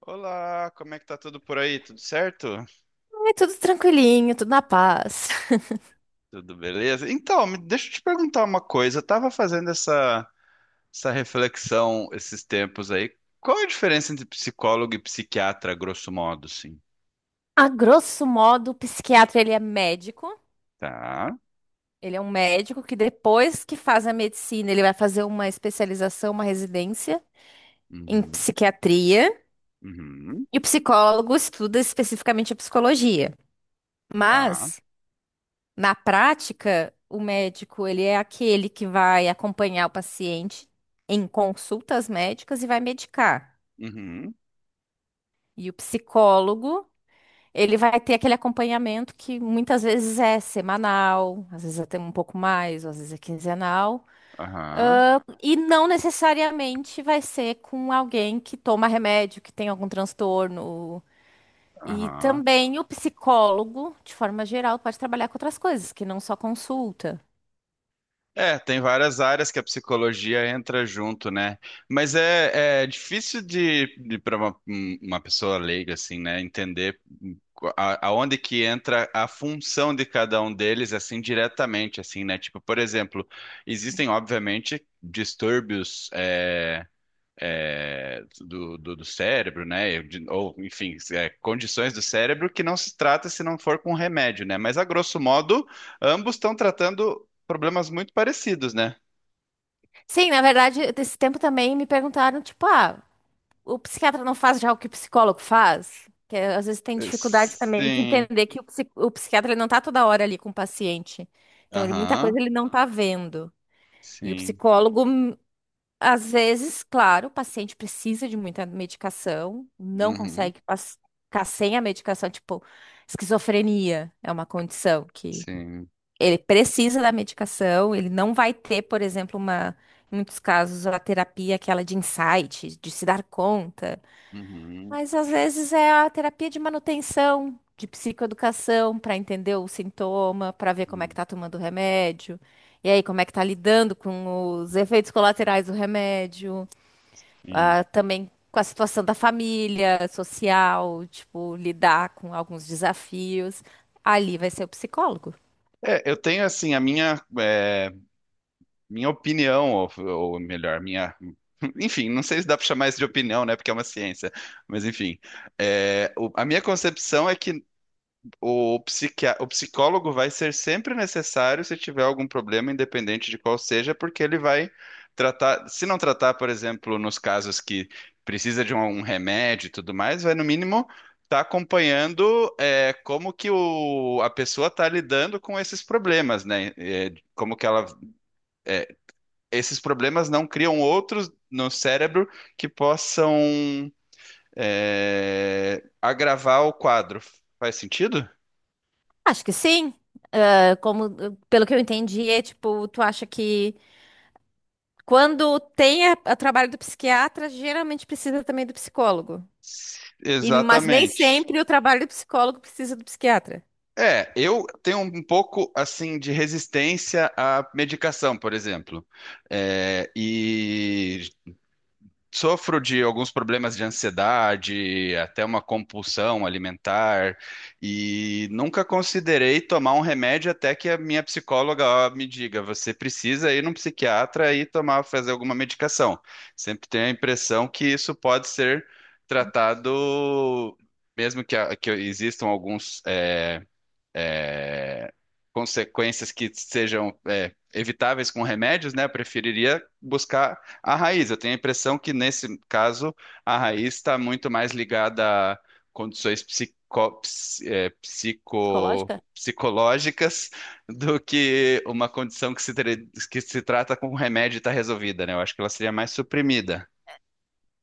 Olá, como é que tá tudo por aí? Tudo certo? É tudo tranquilinho, tudo na paz. Tudo beleza? Então, deixa eu te perguntar uma coisa. Eu tava fazendo essa reflexão esses tempos aí. Qual é a diferença entre psicólogo e psiquiatra, grosso modo, sim? A grosso modo, o psiquiatra, ele é médico. Tá. Ele é um médico que depois que faz a medicina, ele vai fazer uma especialização, uma residência em Uhum. psiquiatria. Uhum. E o psicólogo estuda especificamente a psicologia. Tá. Mas, na prática, o médico, ele é aquele que vai acompanhar o paciente em consultas médicas e vai medicar. Uhum. E o psicólogo, ele vai ter aquele acompanhamento que muitas vezes é semanal, às vezes até um pouco mais, às vezes é quinzenal, Aham. E não necessariamente vai ser com alguém que toma remédio, que tem algum transtorno. E Aham. também o psicólogo, de forma geral, pode trabalhar com outras coisas, que não só consulta. É, tem várias áreas que a psicologia entra junto, né? Mas é difícil de para uma pessoa leiga, assim, né, entender aonde que entra a função de cada um deles, assim, diretamente, assim, né? Tipo, por exemplo, existem, obviamente, distúrbios. Do do cérebro, né? Ou, enfim, é, condições do cérebro que não se trata se não for com remédio, né? Mas, a grosso modo, ambos estão tratando problemas muito parecidos, né? Sim, na verdade, esse tempo também me perguntaram, tipo, o psiquiatra não faz já o que o psicólogo faz? Que é, às vezes tem É, dificuldade também de sim. entender que o psiquiatra ele não tá toda hora ali com o paciente. Então, ele, muita Aham. coisa ele não tá vendo. E o Sim. psicólogo, às vezes, claro, o paciente precisa de muita medicação, não Uhum. consegue ficar sem a medicação, tipo, esquizofrenia é uma condição que Sim. ele precisa da medicação, ele não vai ter, por exemplo, uma, em muitos casos, a terapia aquela de insight, de se dar conta. Uhum. Mas às vezes é a terapia de manutenção, de psicoeducação, para entender o sintoma, para ver como é que Uhum. tá tomando o remédio, e aí como é que tá lidando com os efeitos colaterais do remédio, Sim. Também com a situação da família, social, tipo, lidar com alguns desafios. Ali vai ser o psicólogo. É, eu tenho, assim, minha opinião, ou melhor, minha. Enfim, não sei se dá para chamar isso de opinião, né? Porque é uma ciência. Mas, enfim. É, a minha concepção é que o o psicólogo vai ser sempre necessário se tiver algum problema, independente de qual seja, porque ele vai tratar. Se não tratar, por exemplo, nos casos que precisa de um remédio e tudo mais, vai no mínimo estar acompanhando é, como que a pessoa está lidando com esses problemas, né? É, como que ela, é, esses problemas não criam outros no cérebro que possam é, agravar o quadro. Faz sentido? Acho que sim. Ah, Como, pelo que eu entendi, é tipo, tu acha que quando tem o trabalho do psiquiatra, geralmente precisa também do psicólogo. E, mas nem Exatamente. sempre o trabalho do psicólogo precisa do psiquiatra. É, eu tenho um pouco assim de resistência à medicação, por exemplo. É, e sofro de alguns problemas de ansiedade, até uma compulsão alimentar, e nunca considerei tomar um remédio até que a minha psicóloga ó, me diga: você precisa ir num psiquiatra e tomar, fazer alguma medicação. Sempre tenho a impressão que isso pode ser tratado, mesmo que existam alguns. É, consequências que sejam é, evitáveis com remédios, né? Eu preferiria buscar a raiz. Eu tenho a impressão que, nesse caso, a raiz está muito mais ligada a condições Psicológica? psicológicas do que uma condição que se, tre- que se trata com remédio e está resolvida, né? Eu acho que ela seria mais suprimida.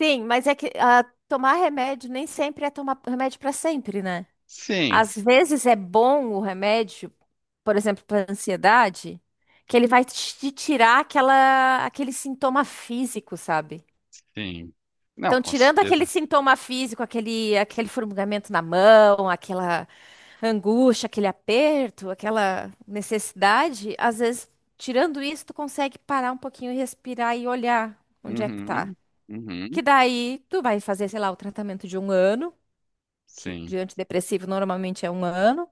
Sim, mas é que tomar remédio nem sempre é tomar remédio para sempre, né? Sim, Às vezes é bom o remédio, por exemplo, para ansiedade, que ele vai te tirar aquela, aquele sintoma físico, sabe? sim. Não, Então, com tirando certeza. aquele sintoma físico, aquele, aquele formigamento na mão, aquela angústia, aquele aperto, aquela necessidade, às vezes, tirando isso, tu consegue parar um pouquinho, respirar e olhar onde é que tá. Uhum, uhum, Que daí tu vai fazer, sei lá, o tratamento de um ano, que de sim, antidepressivo normalmente é um ano,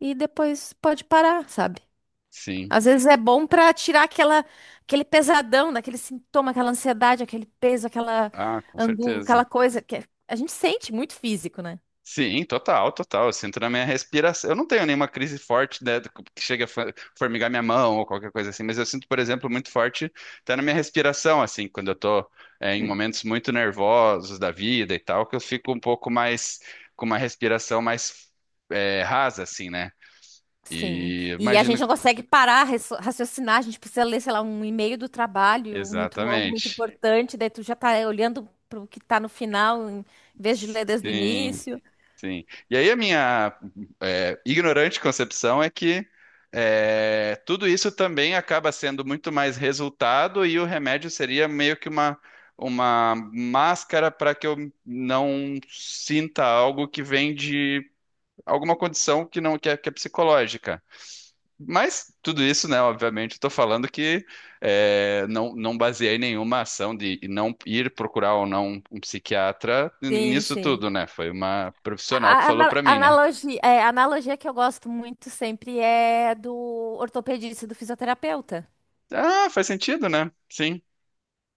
e depois pode parar, sabe? sim. Às vezes é bom pra tirar aquela, aquele pesadão, daquele sintoma, aquela ansiedade, aquele peso, aquela Ah, com angústia, certeza. aquela coisa que a gente sente muito físico, né? Sim, total, total. Eu sinto na minha respiração. Eu não tenho nenhuma crise forte, né, que chega a formigar minha mão ou qualquer coisa assim, mas eu sinto, por exemplo, muito forte até na minha respiração, assim, quando eu tô, é, em momentos muito nervosos da vida e tal, que eu fico um pouco mais, com uma respiração mais, é, rasa, assim, né? Sim. E E a gente imagino. não consegue parar, raciocinar, a gente precisa ler, sei lá, um e-mail do trabalho muito longo, muito Exatamente. importante, daí tu já tá olhando para o que tá no final, em vez de ler desde o Sim. início. Sim. E aí a minha é, ignorante concepção é que é, tudo isso também acaba sendo muito mais resultado e o remédio seria meio que uma máscara para que eu não sinta algo que vem de alguma condição que não que é, que é psicológica. Mas tudo isso, né? Obviamente, estou falando que é, não baseei nenhuma ação de não ir procurar ou não um psiquiatra Sim, nisso sim. tudo, né? Foi uma profissional que falou para mim, né? Analogia, é, a analogia que eu gosto muito sempre é do ortopedista e do fisioterapeuta. Ah, faz sentido, né? Sim.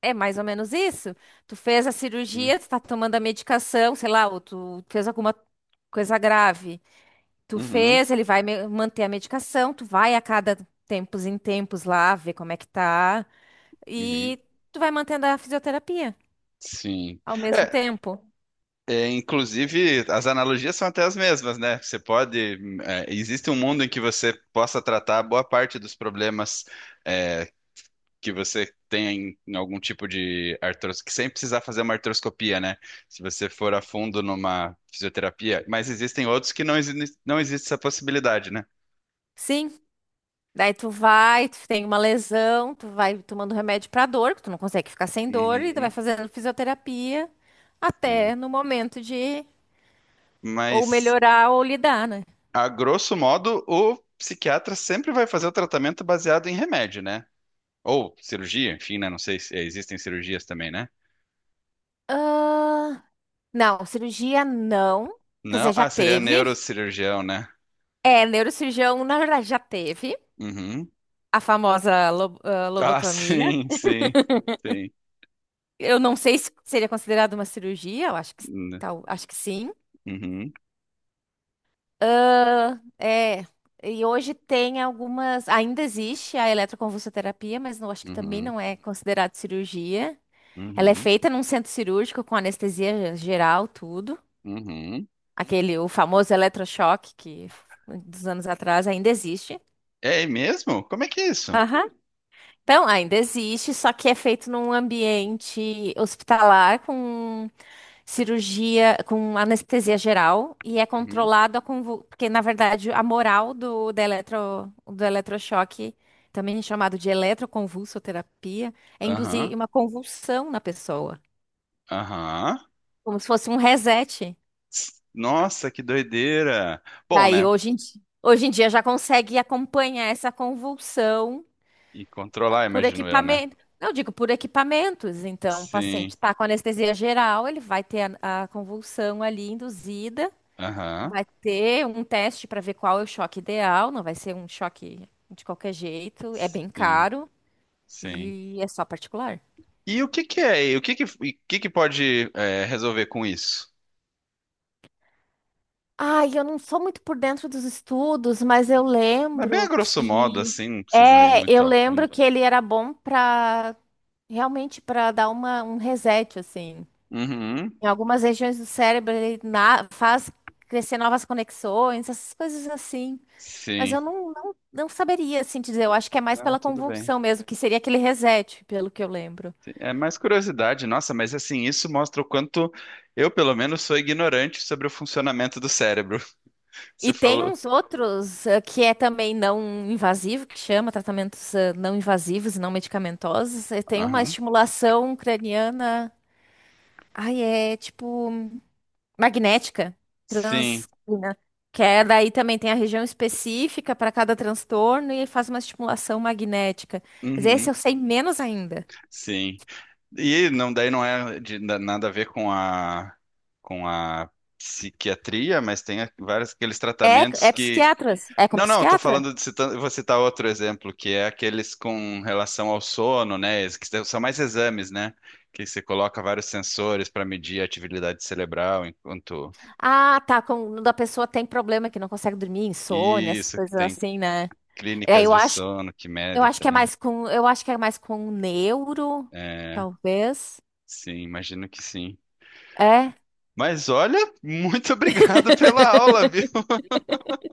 É mais ou menos isso. Tu fez a Hum. cirurgia, tu tá tomando a medicação, sei lá, ou tu fez alguma coisa grave. Tu Uhum, fez, ele vai manter a medicação, tu vai a cada tempos em tempos lá ver como é que tá uhum. e tu vai mantendo a fisioterapia Sim. ao mesmo É, tempo. Inclusive, as analogias são até as mesmas, né? Você pode. É, existe um mundo em que você possa tratar boa parte dos problemas é, que você tem em algum tipo de que sem precisar fazer uma artroscopia, né? Se você for a fundo numa fisioterapia, mas existem outros que não existe essa possibilidade, né? Sim. Daí tu vai, tu tem uma lesão, tu vai tomando remédio pra dor, que tu não consegue ficar sem dor e tu vai Uhum, fazendo fisioterapia sim. até no momento de ou Mas, melhorar ou lidar, né? a grosso modo, o psiquiatra sempre vai fazer o tratamento baseado em remédio, né? Ou cirurgia, enfim, né? Não sei se existem cirurgias também, né? Não, cirurgia não. Quer Não, dizer, já ah, seria teve. neurocirurgião, né? É, neurocirurgião, na verdade, já teve Uhum. a famosa Ah, lobotomia. sim, sim, sim. Eu não sei se seria considerado uma cirurgia, eu acho que, tal, acho que sim. Uhum, Ah, é, e hoje tem algumas. Ainda existe a eletroconvulsoterapia, mas não, acho que também uhum, não é considerado cirurgia. Ela é uhum. feita num centro cirúrgico com anestesia geral, tudo. Uhum. Aquele, o famoso eletrochoque que dos anos atrás ainda existe. É mesmo? Como é que é isso? Aham. Então, ainda existe, só que é feito num ambiente hospitalar com cirurgia, com anestesia geral e é Uhum. controlado a convul... porque na verdade a moral do da eletro... do eletrochoque, também chamado de eletroconvulsoterapia, é Aham, induzir uma convulsão na pessoa, aham. como se fosse um reset. Nossa, que doideira. Bom, Aí né? Hoje em dia já consegue acompanhar essa convulsão E controlar, por imagino eu, né? equipamento. Não, eu digo por equipamentos. Então, o paciente Sim. está com anestesia geral, ele vai ter a convulsão ali induzida, Aham. vai ter um teste para ver qual é o choque ideal, não vai ser um choque de qualquer jeito, é bem Sim, caro sim. e é só particular. E o que que é? E o que que pode é, resolver com isso? Ai, eu não sou muito por dentro dos estudos, mas eu Mas bem a lembro grosso modo, que assim, não precisa ir muito eu a fundo. lembro que ele era bom para realmente para dar uma, um reset assim, Uhum. em algumas regiões do cérebro, ele faz crescer novas conexões, essas coisas assim. Mas Sim. eu não, não, não saberia, assim, dizer. Eu acho que é mais Não, pela tudo bem. convulsão mesmo, que seria aquele reset, pelo que eu lembro. É mais curiosidade, nossa, mas assim, isso mostra o quanto eu, pelo menos, sou ignorante sobre o funcionamento do cérebro. E Você tem falou. uns outros que é também não invasivo, que chama tratamentos não invasivos e não medicamentosos. Tem uma Aham. estimulação craniana. Ai, é tipo magnética, Sim. transcraniana, que é daí também tem a região específica para cada transtorno e faz uma estimulação magnética. Mas esse Uhum. eu sei menos ainda. Sim. E não, daí não é de nada a ver com a com a psiquiatria, mas tem vários aqueles É, tratamentos é que psiquiatras? É com não, não, tô psiquiatra? falando de citando, eu vou citar outro exemplo, que é aqueles com relação ao sono, né? Que são mais exames, né? Que você coloca vários sensores para medir a atividade cerebral enquanto Ah, tá. Quando a pessoa tem problema que não consegue dormir, insônia, essas isso, que coisas tem assim, né? É, clínicas de sono que eu medem acho que é também. mais com, eu acho que é mais com neuro, É, talvez. sim, imagino que sim. É, Mas olha, muito obrigado pela aula, viu?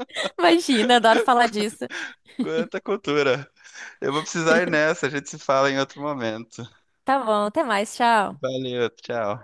imagina, adoro falar disso. Quanta cultura. Eu vou precisar ir nessa, a gente se fala em outro momento. Tá bom, até mais, tchau. Valeu, tchau.